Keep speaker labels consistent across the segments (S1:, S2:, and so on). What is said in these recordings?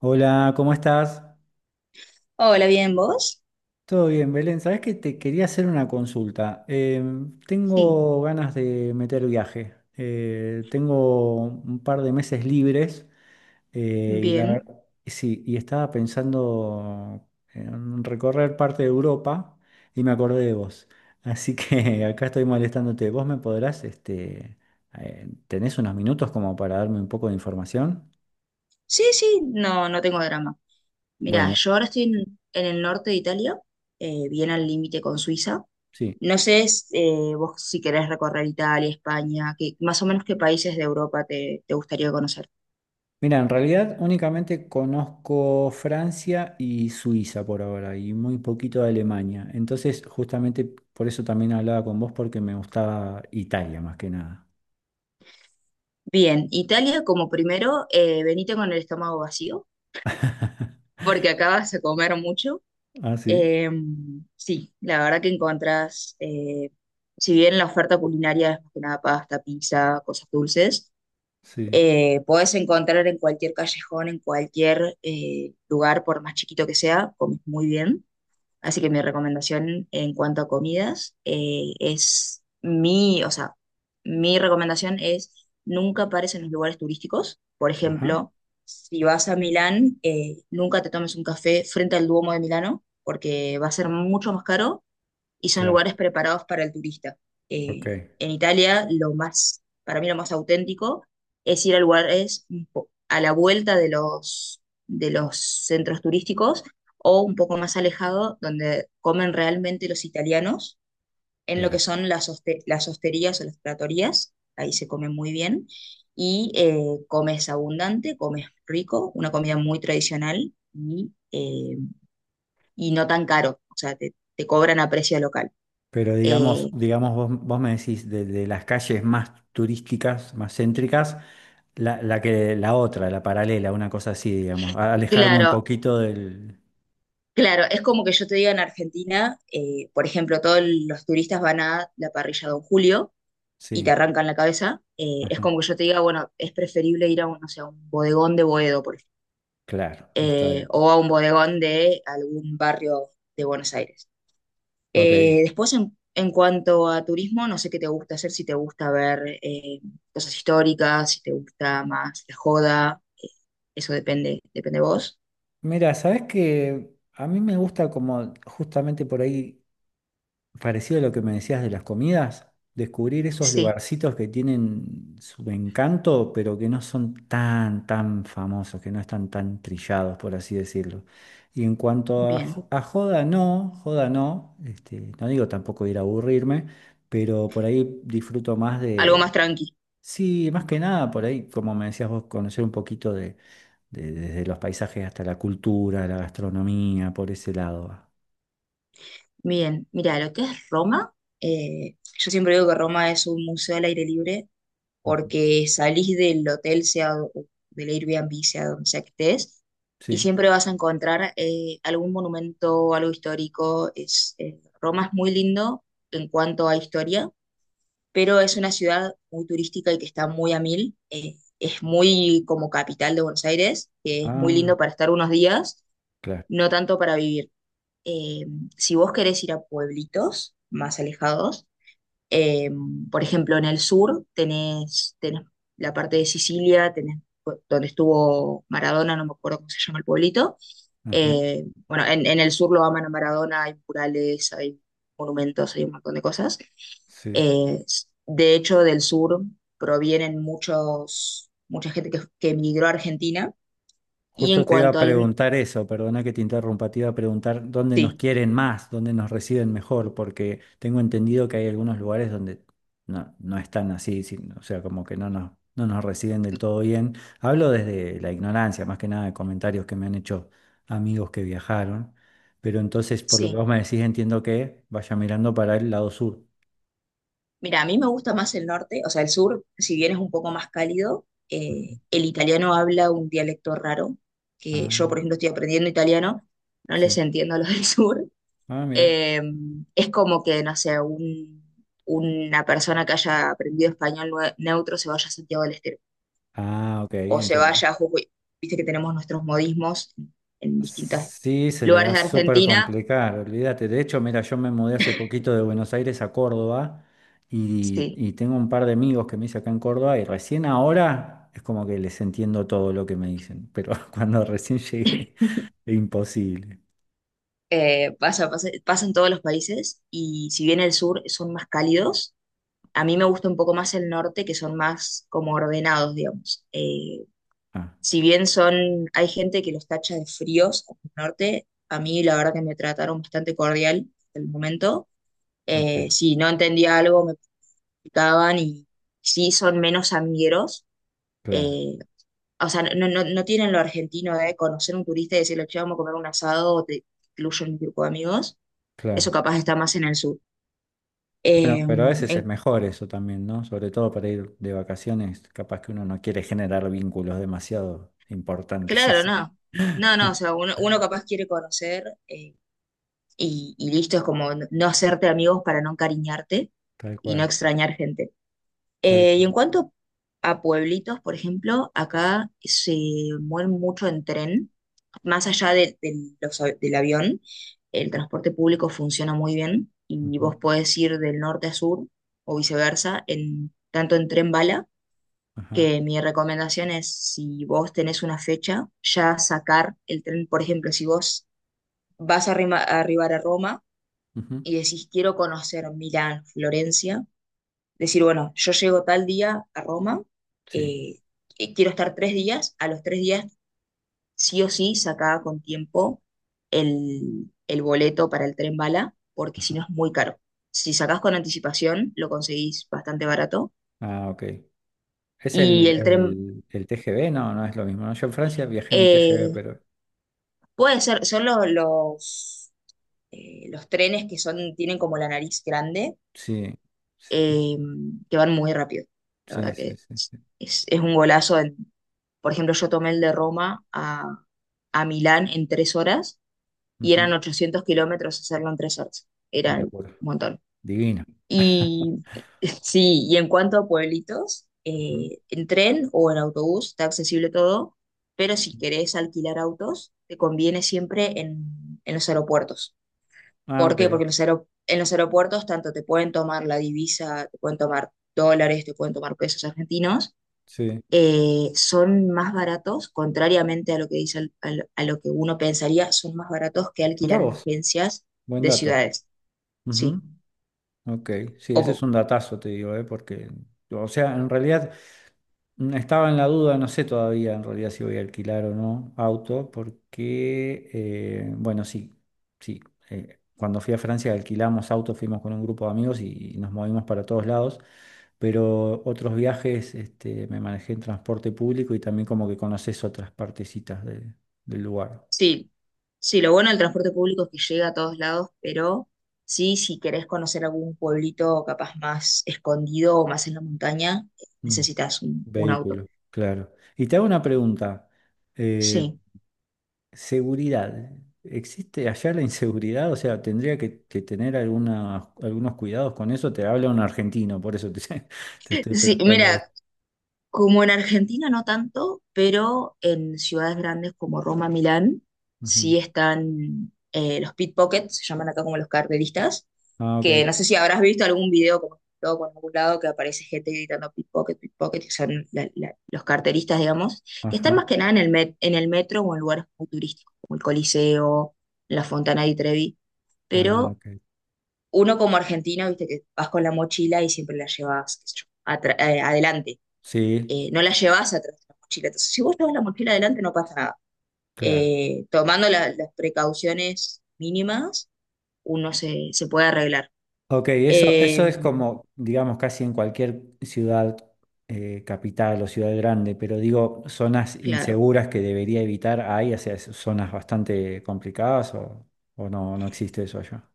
S1: Hola, ¿cómo estás?
S2: Hola, ¿bien vos?
S1: Todo bien, Belén. Sabes que te quería hacer una consulta.
S2: Sí,
S1: Tengo ganas de meter viaje. Tengo un par de meses libres y la
S2: bien.
S1: verdad, sí, y estaba pensando en recorrer parte de Europa y me acordé de vos. Así que acá estoy molestándote. ¿Vos me podrás, este, tenés unos minutos como para darme un poco de información?
S2: Sí, sí, no, no tengo drama. Mira,
S1: Bueno,
S2: yo ahora estoy en el norte de Italia, bien al límite con Suiza.
S1: sí.
S2: No sé vos si querés recorrer Italia, España, que, más o menos qué países de Europa te gustaría conocer.
S1: Mira, en realidad únicamente conozco Francia y Suiza por ahora y muy poquito de Alemania. Entonces, justamente por eso también hablaba con vos porque me gustaba Italia más que nada.
S2: Bien, Italia como primero, venite con el estómago vacío, porque acá vas a comer mucho.
S1: Ah, sí,
S2: Eh, sí, la verdad que encontrás, si bien la oferta culinaria es más que nada pasta, pizza, cosas dulces.
S1: sí.
S2: Podés encontrar en cualquier callejón, en cualquier lugar, por más chiquito que sea, comes muy bien. Así que mi recomendación en cuanto a comidas es mi, o sea, mi recomendación es nunca pares en los lugares turísticos. Por
S1: Ajá,
S2: ejemplo, si vas a Milán, nunca te tomes un café frente al Duomo de Milano, porque va a ser mucho más caro y son
S1: claro,
S2: lugares preparados para el turista. Eh,
S1: ok,
S2: en Italia, lo más, para mí lo más auténtico es ir a lugares a la vuelta de los centros turísticos o un poco más alejado, donde comen realmente los italianos en lo que
S1: claro.
S2: son las hosterías o las tratorías, ahí se come muy bien, y comes abundante, comes rico, una comida muy tradicional y no tan caro, o sea, te cobran a precio local.
S1: Pero digamos,
S2: Eh,
S1: digamos vos, vos me decís de las calles más turísticas, más céntricas, la que la otra, la paralela, una cosa así, digamos, alejarme un
S2: Claro,
S1: poquito del...
S2: claro, es como que yo te diga en Argentina, por ejemplo, todos los turistas van a la parrilla Don Julio y te
S1: Sí,
S2: arrancan la cabeza. Es
S1: ajá,
S2: como que yo te diga, bueno, es preferible ir a un, no sé, a un bodegón de Boedo, por ejemplo,
S1: claro, está bien.
S2: o a un bodegón de algún barrio de Buenos Aires.
S1: Ok.
S2: Después, en cuanto a turismo, no sé qué te gusta hacer, si te gusta ver cosas históricas, si te gusta más la joda, eso depende, depende de vos.
S1: Mira, sabes que a mí me gusta como justamente por ahí, parecido a lo que me decías de las comidas, descubrir esos
S2: Sí,
S1: lugarcitos que tienen su encanto, pero que no son tan, tan famosos, que no están tan trillados, por así decirlo. Y en cuanto a,
S2: bien,
S1: a joda no, este, no digo tampoco ir a aburrirme, pero por ahí disfruto más
S2: algo más
S1: de,
S2: tranqui.
S1: sí, más que nada, por ahí, como me decías vos, conocer un poquito desde los paisajes hasta la cultura, la gastronomía, por ese lado va.
S2: Bien, mira, lo que es Roma, yo siempre digo que Roma es un museo al aire libre
S1: Ujú.
S2: porque salís del hotel, sea o del Airbnb, sea donde sea que estés, y
S1: Sí.
S2: siempre vas a encontrar algún monumento, algo histórico. Roma es muy lindo en cuanto a historia, pero es una ciudad muy turística y que está muy a mil. Es muy como capital de Buenos Aires, que es muy
S1: Ah,
S2: lindo para estar unos días,
S1: claro.
S2: no tanto para vivir. eh, si vos querés ir a pueblitos más alejados, eh, por ejemplo, en el sur tenés la parte de Sicilia, tenés donde estuvo Maradona, no me acuerdo cómo se llama el pueblito.
S1: Ajá.
S2: Bueno, en el sur lo aman a Maradona, hay murales, hay monumentos, hay un montón de cosas.
S1: Sí.
S2: De hecho, del sur provienen mucha gente que emigró a Argentina. Y en
S1: Justo te iba a
S2: cuanto al...
S1: preguntar eso, perdona que te interrumpa, te iba a preguntar dónde nos
S2: Sí,
S1: quieren más, dónde nos reciben mejor, porque tengo entendido que hay algunos lugares donde no, no están así, o sea, como que no nos, no nos reciben del todo bien. Hablo desde la ignorancia, más que nada de comentarios que me han hecho amigos que viajaron, pero entonces por lo que vos
S2: sí.
S1: me decís entiendo que vaya mirando para el lado sur.
S2: Mira, a mí me gusta más el norte, o sea, el sur, si bien es un poco más cálido,
S1: Ujú.
S2: el italiano habla un dialecto raro, que yo,
S1: Ah,
S2: por ejemplo, estoy aprendiendo italiano, no les
S1: sí.
S2: entiendo a los del sur.
S1: Ah, mira.
S2: Eh, es como que, no sé, una persona que haya aprendido español neutro se vaya a Santiago del Estero,
S1: Ah, ok,
S2: o se
S1: entiendo.
S2: vaya a Jujuy. Viste que tenemos nuestros modismos en distintos
S1: Sí, se le va
S2: lugares
S1: a
S2: de
S1: súper
S2: Argentina.
S1: complicar, olvídate. De hecho, mira, yo me mudé hace poquito de Buenos Aires a Córdoba y,
S2: Sí.
S1: y tengo un par de amigos que me hice acá en Córdoba y recién ahora es como que les entiendo todo lo que me dicen, pero cuando recién llegué, imposible.
S2: Pasa en todos los países, y si bien el sur son más cálidos, a mí me gusta un poco más el norte, que son más como ordenados, digamos.
S1: Ah,
S2: Si bien hay gente que los tacha de fríos en el norte, a mí la verdad que me trataron bastante cordial hasta el momento.
S1: ok,
S2: Si no entendía algo, me preguntaban y sí son menos amigueros.
S1: claro,
S2: Eh, o sea, no, no, no tienen lo argentino de conocer un turista y decirle, che, vamos a comer un asado o te incluyo un grupo de amigos. Eso
S1: claro.
S2: capaz está más en el sur.
S1: Bueno, pero a veces es
S2: En
S1: mejor eso también, ¿no? Sobre todo para ir de vacaciones, capaz que uno no quiere generar vínculos demasiado importantes,
S2: Claro,
S1: así que
S2: no. No, no, o sea, uno capaz quiere conocer y listo, es como no hacerte amigos para no encariñarte
S1: tal
S2: y no
S1: cual,
S2: extrañar gente.
S1: tal
S2: Y
S1: cual.
S2: en cuanto a pueblitos, por ejemplo, acá se mueven mucho en tren, más allá de del avión. El transporte público funciona muy bien y vos
S1: Ujú.
S2: podés ir del norte a sur o viceversa, tanto en tren bala,
S1: Ajá.
S2: que mi recomendación es, si vos tenés una fecha, ya sacar el tren. Por ejemplo, si vos vas a a arribar a Roma
S1: Ujú.
S2: y decís, quiero conocer Milán, Florencia, decir, bueno, yo llego tal día a Roma,
S1: Sí.
S2: eh, y quiero estar 3 días. A los 3 días sí o sí sacá con tiempo el boleto para el tren bala, porque si
S1: Ajá.
S2: no es muy caro. Si sacás con anticipación, lo conseguís bastante barato.
S1: Ah, ok. Es
S2: Y
S1: el,
S2: el tren,
S1: el, el TGV, no, no es lo mismo, ¿no? Yo en Francia viajé en el TGV,
S2: eh,
S1: pero
S2: Puede ser. Son los trenes que tienen como la nariz grande,
S1: sí.
S2: eh, que van muy rápido. La
S1: Sí,
S2: verdad
S1: sí,
S2: que
S1: sí.
S2: es un golazo. Por ejemplo, yo tomé el de Roma a Milán en 3 horas y eran
S1: Ujú.
S2: 800 kilómetros hacerlo en 3 horas.
S1: Una
S2: Era un
S1: locura.
S2: montón.
S1: Divino.
S2: Y sí, y en cuanto a pueblitos,
S1: Ujú.
S2: en tren o en autobús está accesible todo, pero si querés alquilar autos, te conviene siempre en los aeropuertos.
S1: Ah,
S2: ¿Por qué?
S1: ok.
S2: Porque en los aeropuertos tanto te pueden tomar la divisa, te pueden tomar dólares, te pueden tomar pesos argentinos,
S1: Sí.
S2: son más baratos, contrariamente a lo que dice, a lo que uno pensaría, son más baratos que
S1: Notá
S2: alquilar en
S1: vos.
S2: agencias
S1: Buen
S2: de
S1: dato.
S2: ciudades.
S1: Ujú.
S2: Sí,
S1: Ok. Sí, ese es
S2: como,
S1: un datazo, te digo, ¿eh? Porque, o sea, en realidad. Estaba en la duda, no sé todavía en realidad si voy a alquilar o no auto, porque, bueno, sí, sí. Cuando fui a Francia alquilamos auto, fuimos con un grupo de amigos y nos movimos para todos lados, pero otros viajes este, me manejé en transporte público y también como que conoces otras partecitas del lugar.
S2: sí, sí, lo bueno del transporte público es que llega a todos lados. Pero sí, si querés conocer algún pueblito capaz más escondido o más en la montaña,
S1: Mm,
S2: necesitas un auto.
S1: vehículo, claro. Y te hago una pregunta. eh,
S2: Sí.
S1: Seguridad. ¿Existe allá la inseguridad? O sea, tendría que tener algunos cuidados con eso. Te habla un argentino, por eso te, te estoy
S2: Sí,
S1: preguntando
S2: mira,
S1: esto.
S2: como en Argentina no tanto, pero en ciudades grandes como Roma, Milán,
S1: Ujú.
S2: sí están los pickpockets, se llaman acá como los carteristas,
S1: Ah,
S2: que
S1: ok.
S2: no sé si habrás visto algún video como todo por algún lado que aparece gente gritando pickpocket, pickpocket, que son los carteristas, digamos, que están más
S1: Ajá.
S2: que nada en el metro o en lugares muy turísticos, como el Coliseo, la Fontana di Trevi.
S1: Ah,
S2: Pero
S1: ok.
S2: uno como argentino, viste que vas con la mochila y siempre la llevas, qué sé yo, adelante,
S1: Sí,
S2: no la llevas atrás de la mochila. Entonces, si vos llevas la mochila adelante, no pasa nada.
S1: claro.
S2: Tomando las precauciones mínimas, uno se puede arreglar.
S1: Ok, eso
S2: Eh,
S1: es como, digamos, casi en cualquier ciudad, capital o ciudad grande, pero digo, zonas
S2: claro.
S1: inseguras que debería evitar, ¿hay? O sea, zonas bastante complicadas o no, no existe eso allá.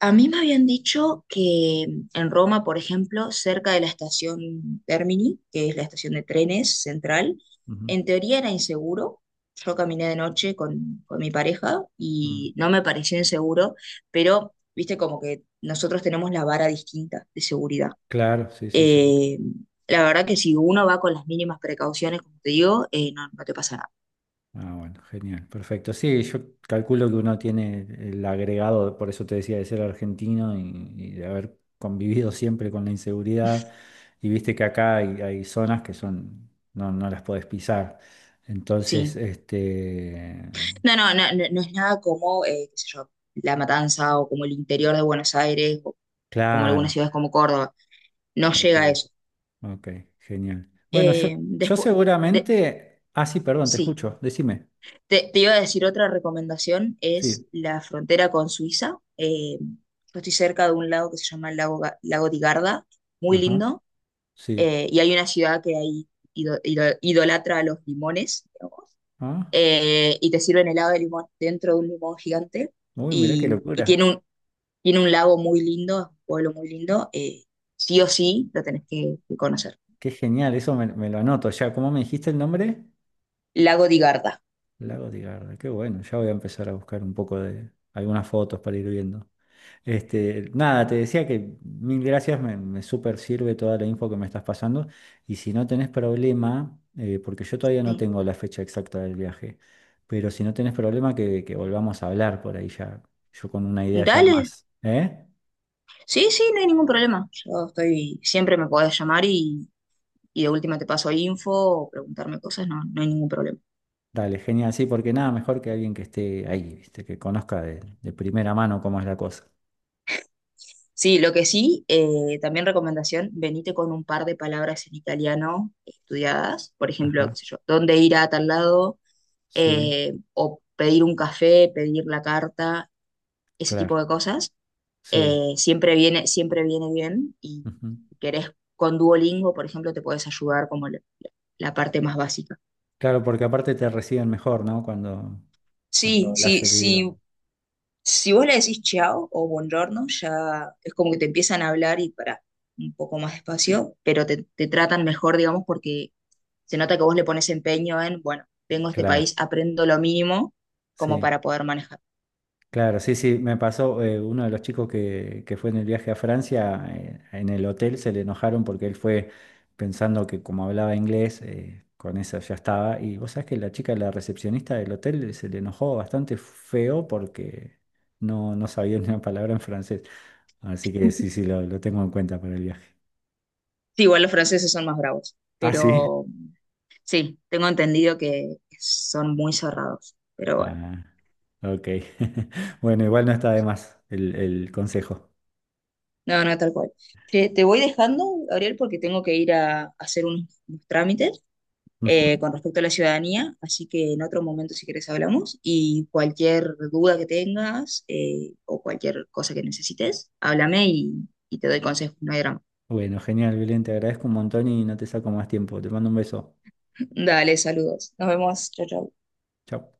S2: A mí me habían dicho que en Roma, por ejemplo, cerca de la estación Termini, que es la estación de trenes central,
S1: Ujú.
S2: en teoría era inseguro. Yo caminé de noche con mi pareja
S1: Mm.
S2: y no me pareció inseguro, pero viste como que nosotros tenemos la vara distinta de seguridad.
S1: Claro, sí, sí, sí.
S2: Eh, la verdad que si uno va con las mínimas precauciones, como te digo, no, no te pasa nada.
S1: Ah, bueno, genial, perfecto. Sí, yo calculo que uno tiene el agregado, por eso te decía, de ser argentino y de haber convivido siempre con la inseguridad. Y viste que acá hay, hay zonas que son, no, no las podés pisar. Entonces,
S2: Sí.
S1: este,
S2: No, no, no, no, no es nada como, qué sé yo, La Matanza, o como el interior de Buenos Aires o como
S1: claro,
S2: algunas ciudades como Córdoba. No
S1: ok,
S2: llega a eso.
S1: ok, genial. Bueno, yo
S2: Después,
S1: seguramente, ah, sí, perdón, te
S2: sí.
S1: escucho, decime.
S2: Te iba a decir otra recomendación, es
S1: Sí,
S2: la frontera con Suiza. Yo estoy cerca de un lago que se llama el lago, lago di Garda, muy
S1: ajá,
S2: lindo,
S1: sí.
S2: y hay una ciudad que ahí idolatra a los limones,
S1: Ah,
S2: y te sirven helado de limón dentro de un limón gigante,
S1: uy, mirá qué
S2: y
S1: locura.
S2: tiene un lago muy lindo, es un pueblo muy lindo, sí o sí lo tenés que conocer.
S1: Qué genial, eso me, me lo anoto. Ya, ¿cómo me dijiste el nombre?
S2: Lago di Garda.
S1: Lago Tigarda, qué bueno, ya voy a empezar a buscar un poco de algunas fotos para ir viendo. Este, nada, te decía que mil gracias, me súper sirve toda la info que me estás pasando. Y si no tenés problema, porque yo todavía no
S2: Sí.
S1: tengo la fecha exacta del viaje, pero si no tenés problema, que volvamos a hablar por ahí ya, yo con una idea ya
S2: Dale,
S1: más, ¿eh?
S2: sí, sí, no hay ningún problema. Yo estoy, siempre me podés llamar y de última te paso info o preguntarme cosas, no, no hay ningún problema.
S1: Dale, genial, sí, porque nada mejor que alguien que esté ahí, ¿viste? Que conozca de primera mano cómo es la cosa.
S2: Sí, lo que sí, también recomendación, venite con un par de palabras en italiano estudiadas, por ejemplo,
S1: Ajá.
S2: qué sé yo, dónde ir a tal lado,
S1: Sí,
S2: o pedir un café, pedir la carta, ese
S1: claro,
S2: tipo de cosas,
S1: sí.
S2: siempre viene bien. Y
S1: Ujú.
S2: si querés con Duolingo, por ejemplo, te puedes ayudar como la parte más básica.
S1: Claro, porque aparte te reciben mejor, ¿no? Cuando, cuando
S2: Sí,
S1: hablas
S2: sí,
S1: el idioma.
S2: sí. Si vos le decís chao o buongiorno, ya es como que te empiezan a hablar y para un poco más despacio, pero te tratan mejor, digamos, porque se nota que vos le pones empeño en, bueno, vengo a este
S1: Claro,
S2: país, aprendo lo mínimo como
S1: sí,
S2: para poder manejar.
S1: claro, sí, sí. Me pasó, uno de los chicos que fue en el viaje a Francia, en el hotel se le enojaron porque él fue pensando que como hablaba inglés, con eso ya estaba. Y vos sabés que la chica, la recepcionista del hotel, se le enojó bastante feo porque no, no sabía ni una palabra en francés. Así que sí, sí, lo tengo en cuenta para el viaje.
S2: Sí, igual los franceses son más bravos,
S1: Ah, sí.
S2: pero sí, tengo entendido que son muy cerrados, pero bueno,
S1: Ah, ok. Bueno, igual no está de más el consejo.
S2: no, no, tal cual. Te voy dejando, Gabriel, porque tengo que ir a hacer unos trámites
S1: Ujú.
S2: con respecto a la ciudadanía, así que en otro momento, si quieres, hablamos, y cualquier duda que tengas o cualquier cosa que necesites, háblame y te doy consejos, no hay drama.
S1: Bueno, genial, Belén, te agradezco un montón y no te saco más tiempo. Te mando un beso.
S2: Dale, saludos, nos vemos, chao, chao.
S1: Chao.